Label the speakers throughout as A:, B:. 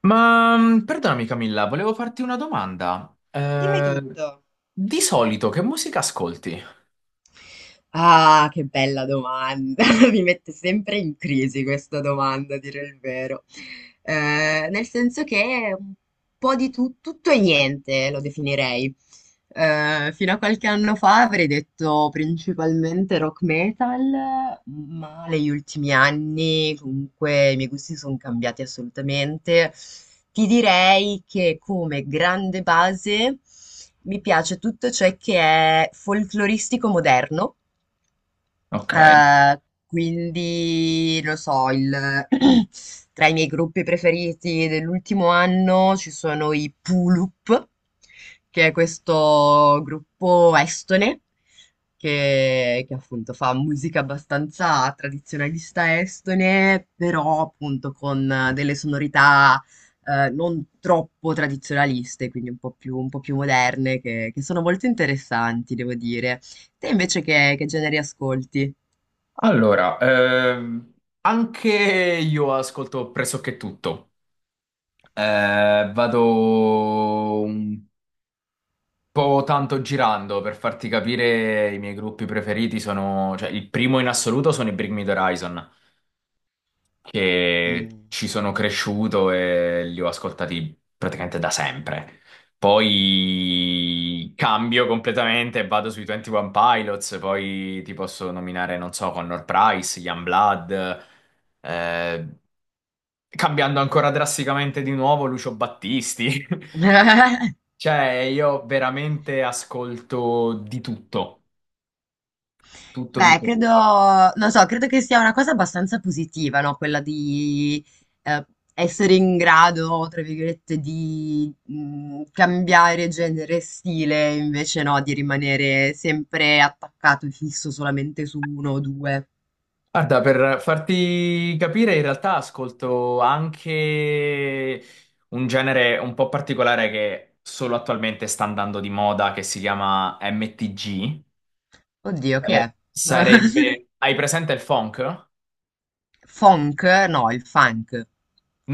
A: Perdonami, Camilla, volevo farti una domanda.
B: Dimmi tutto.
A: Di solito che musica ascolti?
B: Ah, che bella domanda! Mi mette sempre in crisi questa domanda, a dire il vero. Nel senso che un po' di tutto e niente lo definirei. Fino a qualche anno fa avrei detto principalmente rock metal, ma negli ultimi anni comunque i miei gusti sono cambiati assolutamente. Ti direi che come grande base mi piace tutto ciò che è folcloristico moderno,
A: Ok,
B: eh, quindi, lo so, tra i miei gruppi preferiti dell'ultimo anno ci sono i Pulup, che è questo gruppo estone che appunto fa musica abbastanza tradizionalista estone, però appunto con delle sonorità non troppo tradizionaliste, quindi un po' più moderne, che sono molto interessanti, devo dire. Te invece che generi ascolti?
A: allora, anche io ascolto pressoché tutto. Vado un po' tanto girando. Per farti capire, i miei gruppi preferiti sono, cioè il primo in assoluto sono i Bring Me the Horizon, che
B: Mm.
A: ci sono cresciuto e li ho ascoltati praticamente da sempre. Poi cambio completamente e vado sui 21 Pilots, poi ti posso nominare, non so, Connor Price, Youngblood, eh, cambiando ancora drasticamente di nuovo Lucio Battisti. Cioè, io veramente ascolto di tutto, tutto,
B: Beh,
A: tutto,
B: credo,
A: tutto.
B: non so, credo che sia una cosa abbastanza positiva, no? Quella di eh, essere in grado, tra virgolette, di cambiare genere e stile, invece no, di rimanere sempre attaccato e fisso solamente su uno o due.
A: Guarda, per farti capire, in realtà ascolto anche un genere un po' particolare che solo attualmente sta andando di moda, che si chiama MTG.
B: Oddio, che è?
A: Sarebbe... hai presente il funk?
B: Funk? No, il funk.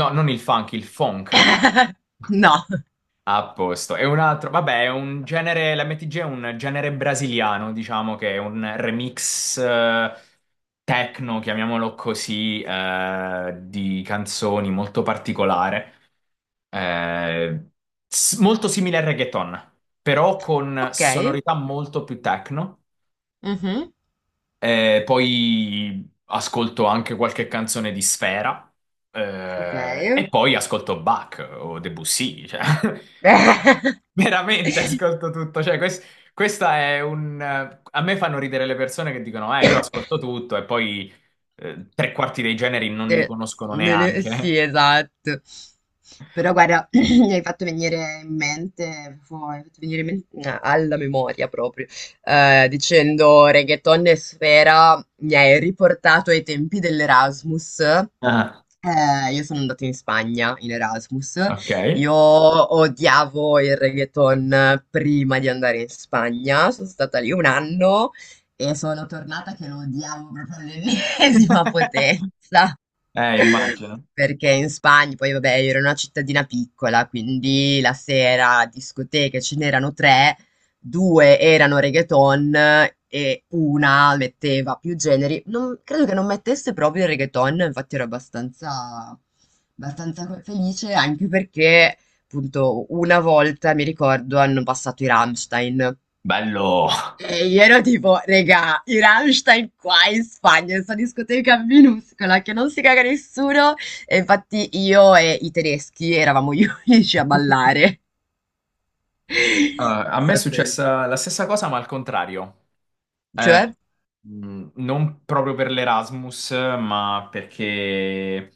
A: No, non il funk, il funk.
B: No.
A: A posto. E un altro, vabbè, è un genere. L'MTG è un genere brasiliano, diciamo che è un remix techno, chiamiamolo così, di canzoni molto particolare, eh, molto simile al reggaeton, però con
B: Ok.
A: sonorità molto più techno.
B: Mhm.
A: Poi ascolto anche qualche canzone di Sfera,
B: Ok.
A: e poi ascolto Bach o Debussy, cioè. Veramente ascolto tutto, cioè questa è un... A me fanno ridere le persone che dicono, io ascolto tutto e poi tre quarti dei generi non li
B: De-
A: conoscono neanche.
B: sì, esatto. Però guarda, mi hai fatto venire in mente, mi hai fatto venire in mente alla memoria proprio, dicendo reggaeton e sfera, mi hai riportato ai tempi dell'Erasmus.
A: Ah,
B: Io sono andata in Spagna in Erasmus.
A: ok.
B: Io odiavo il reggaeton prima di andare in Spagna. Sono stata lì un anno e sono tornata che lo odiavo proprio all'ennesima potenza.
A: Immagino.
B: Perché in Spagna poi vabbè io ero in una cittadina piccola, quindi la sera discoteche ce n'erano tre, due erano reggaeton e una metteva più generi. Credo che non mettesse proprio il reggaeton, infatti ero abbastanza felice, anche perché appunto una volta mi ricordo hanno passato i Rammstein.
A: Bello.
B: E io ero tipo, regà, i Rammstein qua in Spagna, in questa discoteca minuscola che non si caga nessuno. E infatti io e i tedeschi eravamo gli unici a ballare. È
A: A me è
B: stato-
A: successa la stessa cosa, ma al contrario. Eh,
B: Cioè?
A: Non proprio per l'Erasmus, ma perché,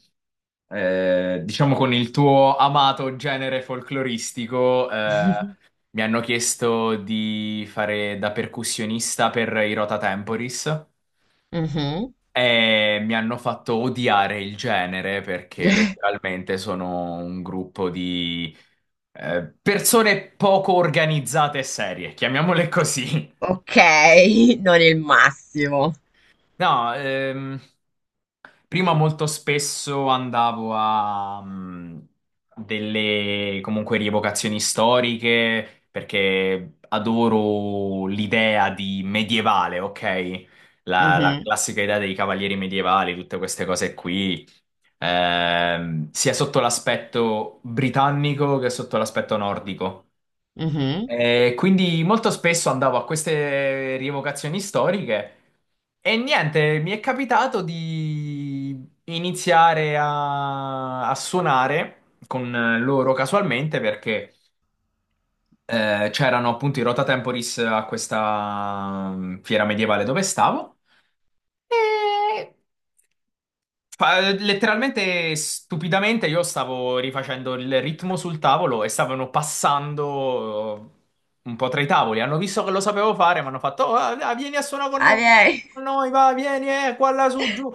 A: diciamo, con il tuo amato genere folcloristico, mi hanno chiesto di fare da percussionista per i Rota Temporis
B: Mhm.
A: e mi hanno fatto odiare il genere perché letteralmente sono un gruppo di persone poco organizzate e serie, chiamiamole così.
B: Ok, non il massimo.
A: No, prima molto spesso andavo a delle comunque rievocazioni storiche perché adoro l'idea di medievale, ok? La
B: Mhm,
A: classica idea dei cavalieri medievali, tutte queste cose qui, sia sotto l'aspetto britannico che sotto l'aspetto nordico.
B: mhm.
A: E quindi molto spesso andavo a queste rievocazioni storiche e niente, mi è capitato di iniziare a suonare con loro casualmente perché c'erano appunto i Rota Temporis a questa fiera medievale dove stavo. Letteralmente, stupidamente, io stavo rifacendo il ritmo sul tavolo e stavano passando un po' tra i tavoli. Hanno visto che lo sapevo fare, mi hanno fatto: "Oh, ah, ah, vieni a suonare con
B: Ah,
A: noi, vieni a
B: beh.
A: suonare con noi, va, vieni, qua, là, su, giù".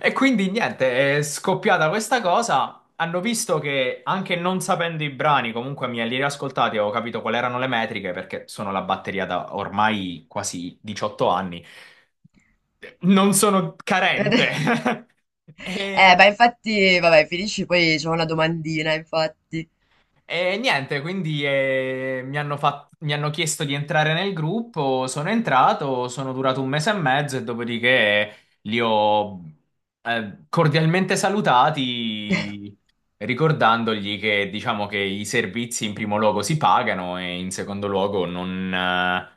A: E quindi niente, è scoppiata questa cosa. Hanno visto che anche non sapendo i brani, comunque mi li riascoltati, avevo capito quali erano le metriche, perché sono la batteria da ormai quasi 18 anni, non sono carente.
B: Ma
A: E
B: infatti, vabbè, finisci poi c'è una domandina, infatti.
A: E niente, quindi mi hanno mi hanno chiesto di entrare nel gruppo, sono entrato, sono durato un mese e mezzo e dopodiché li ho cordialmente salutati, ricordandogli che diciamo che i servizi in primo luogo si pagano e in secondo luogo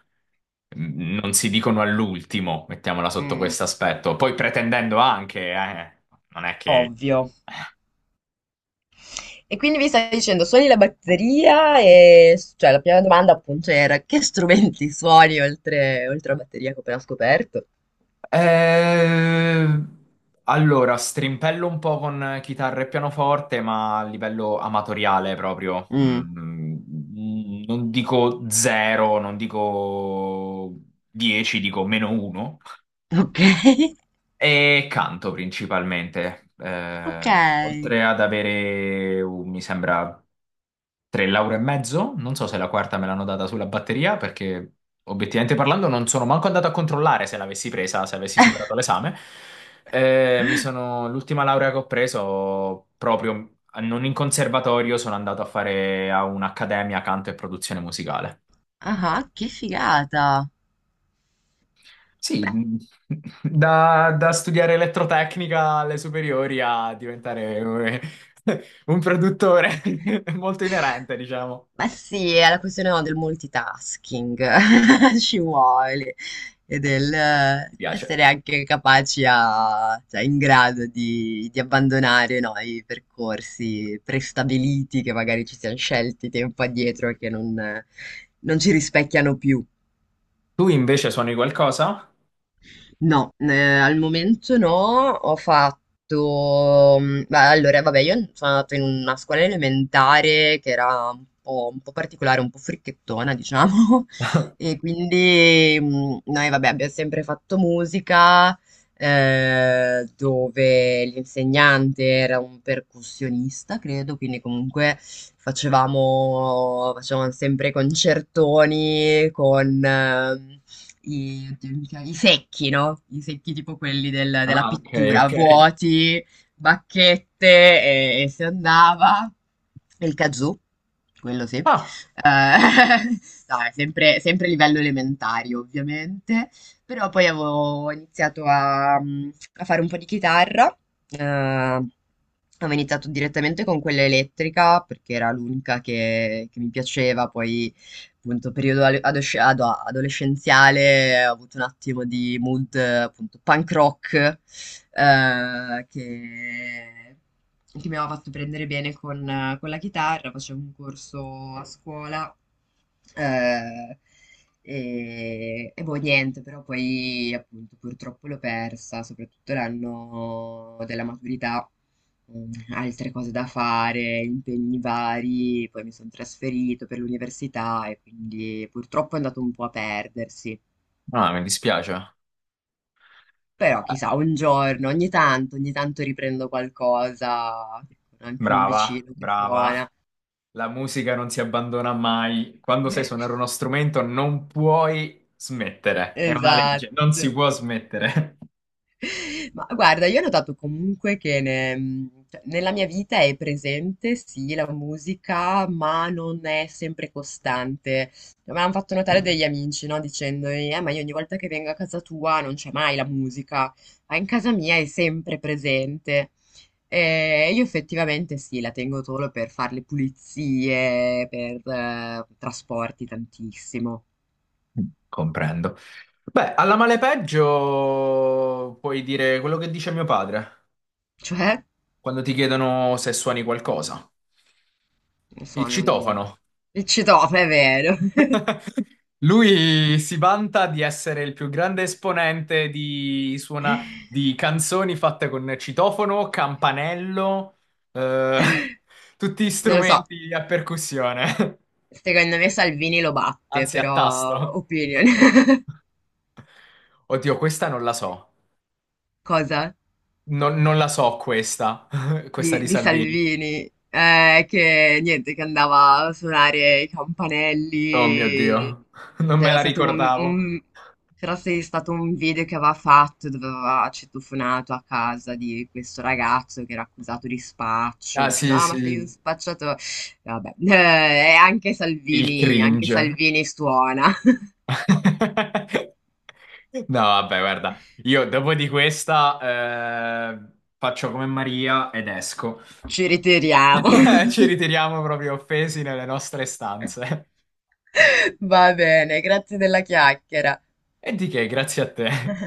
A: non si dicono all'ultimo, mettiamola sotto
B: Mm,
A: questo aspetto. Poi pretendendo anche, non è che...
B: ovvio. E quindi mi stai dicendo, suoni la batteria e cioè, la prima domanda appunto era che strumenti suoni oltre la batteria che ho appena scoperto?
A: Eh, allora, strimpello un po' con chitarra e pianoforte, ma a livello amatoriale proprio.
B: Mm,
A: Non dico zero, non dico dieci, dico meno uno.
B: ok.
A: E canto principalmente,
B: Ok.
A: oltre ad avere, mi sembra, tre lauree e mezzo, non so se la quarta me l'hanno data sulla batteria, perché obiettivamente parlando non sono manco andato a controllare se l'avessi presa, se avessi superato l'esame. L'ultima laurea che ho preso, proprio non in conservatorio, sono andato a fare a un'accademia canto e produzione musicale.
B: Ah, che figata.
A: Sì, da studiare elettrotecnica alle superiori a diventare un, un produttore è molto inerente, diciamo.
B: Ma sì, è la questione, no, del multitasking, ci vuole, e del
A: Mi piace.
B: essere anche capaci a, cioè in grado di abbandonare, no, i percorsi prestabiliti che magari ci siamo scelti tempo addietro e che non ci rispecchiano più.
A: Tu invece suoni qualcosa?
B: No, al momento no, ho fatto... beh, allora, vabbè, io sono andata in una scuola elementare che era un po' particolare, un po' fricchettona, diciamo, e quindi noi, vabbè, abbiamo sempre fatto musica, dove l'insegnante era un percussionista, credo, quindi comunque facevamo sempre concertoni con i, oddio, i secchi, no? I secchi tipo quelli della
A: Ah, ok,
B: pittura,
A: ok.
B: vuoti, bacchette e si andava. E il kazoo, quello sì.
A: Ah,
B: No, è sempre, sempre livello elementare, ovviamente. Però poi avevo iniziato a fare un po' di chitarra, avevo iniziato direttamente con quella elettrica perché era l'unica che mi piaceva, poi appunto periodo adolescenziale ho avuto un attimo di mood appunto punk rock eh, che... che mi aveva fatto prendere bene con la chitarra, facevo un corso a scuola. Eh, e boh, niente, però poi appunto purtroppo l'ho persa, soprattutto l'anno della maturità, altre cose da fare, impegni vari, poi mi sono trasferito per l'università e quindi purtroppo è andato un po' a perdersi.
A: Mi dispiace.
B: Però
A: Eh,
B: chissà, un giorno, ogni tanto riprendo qualcosa, con anche un
A: Brava,
B: vicino che
A: brava.
B: suona.
A: La musica non si abbandona mai. Quando sai suonare uno strumento non puoi smettere. È una legge, non si
B: Esatto.
A: può smettere.
B: Ma guarda, io ho notato comunque che cioè, nella mia vita è presente, sì, la musica, ma non è sempre costante. Me l'hanno fatto notare degli amici, no? Dicendomi, ma io ogni volta che vengo a casa tua non c'è mai la musica, ma in casa mia è sempre presente. E io effettivamente sì, la tengo solo per fare le pulizie, per trasporti tantissimo.
A: Comprendo. Beh, alla male peggio puoi dire quello che dice mio padre
B: Cioè,
A: quando ti chiedono se suoni qualcosa.
B: non
A: Il
B: so, non...
A: citofono.
B: Il citofono, è vero.
A: Lui si vanta di essere il più grande esponente di, suona, di canzoni fatte con citofono, campanello, eh, tutti
B: Non lo so,
A: strumenti a percussione,
B: secondo me Salvini lo batte,
A: anzi a
B: però
A: tasto.
B: opinion.
A: Oddio, questa non la so.
B: Cosa?
A: Non la so questa, questa
B: Di,
A: di
B: di
A: Salvini.
B: Salvini, che niente, che andava a suonare i
A: Oh mio
B: campanelli.
A: Dio, non me
B: C'era
A: la
B: stato un,
A: ricordavo.
B: un- c'era se- stato un video che aveva fatto dove aveva citofonato a casa di questo ragazzo che era accusato di spaccio,
A: Ah
B: dice
A: sì,
B: no, ma
A: sì,
B: sei un spacciatore. Vabbè, e
A: il
B: Anche
A: cringe.
B: Salvini suona.
A: No, vabbè, guarda, io dopo di questa faccio come Maria ed esco.
B: Ci ritiriamo.
A: Ci ritiriamo proprio offesi nelle nostre stanze.
B: Va bene, grazie della chiacchiera.
A: E di che, grazie a te.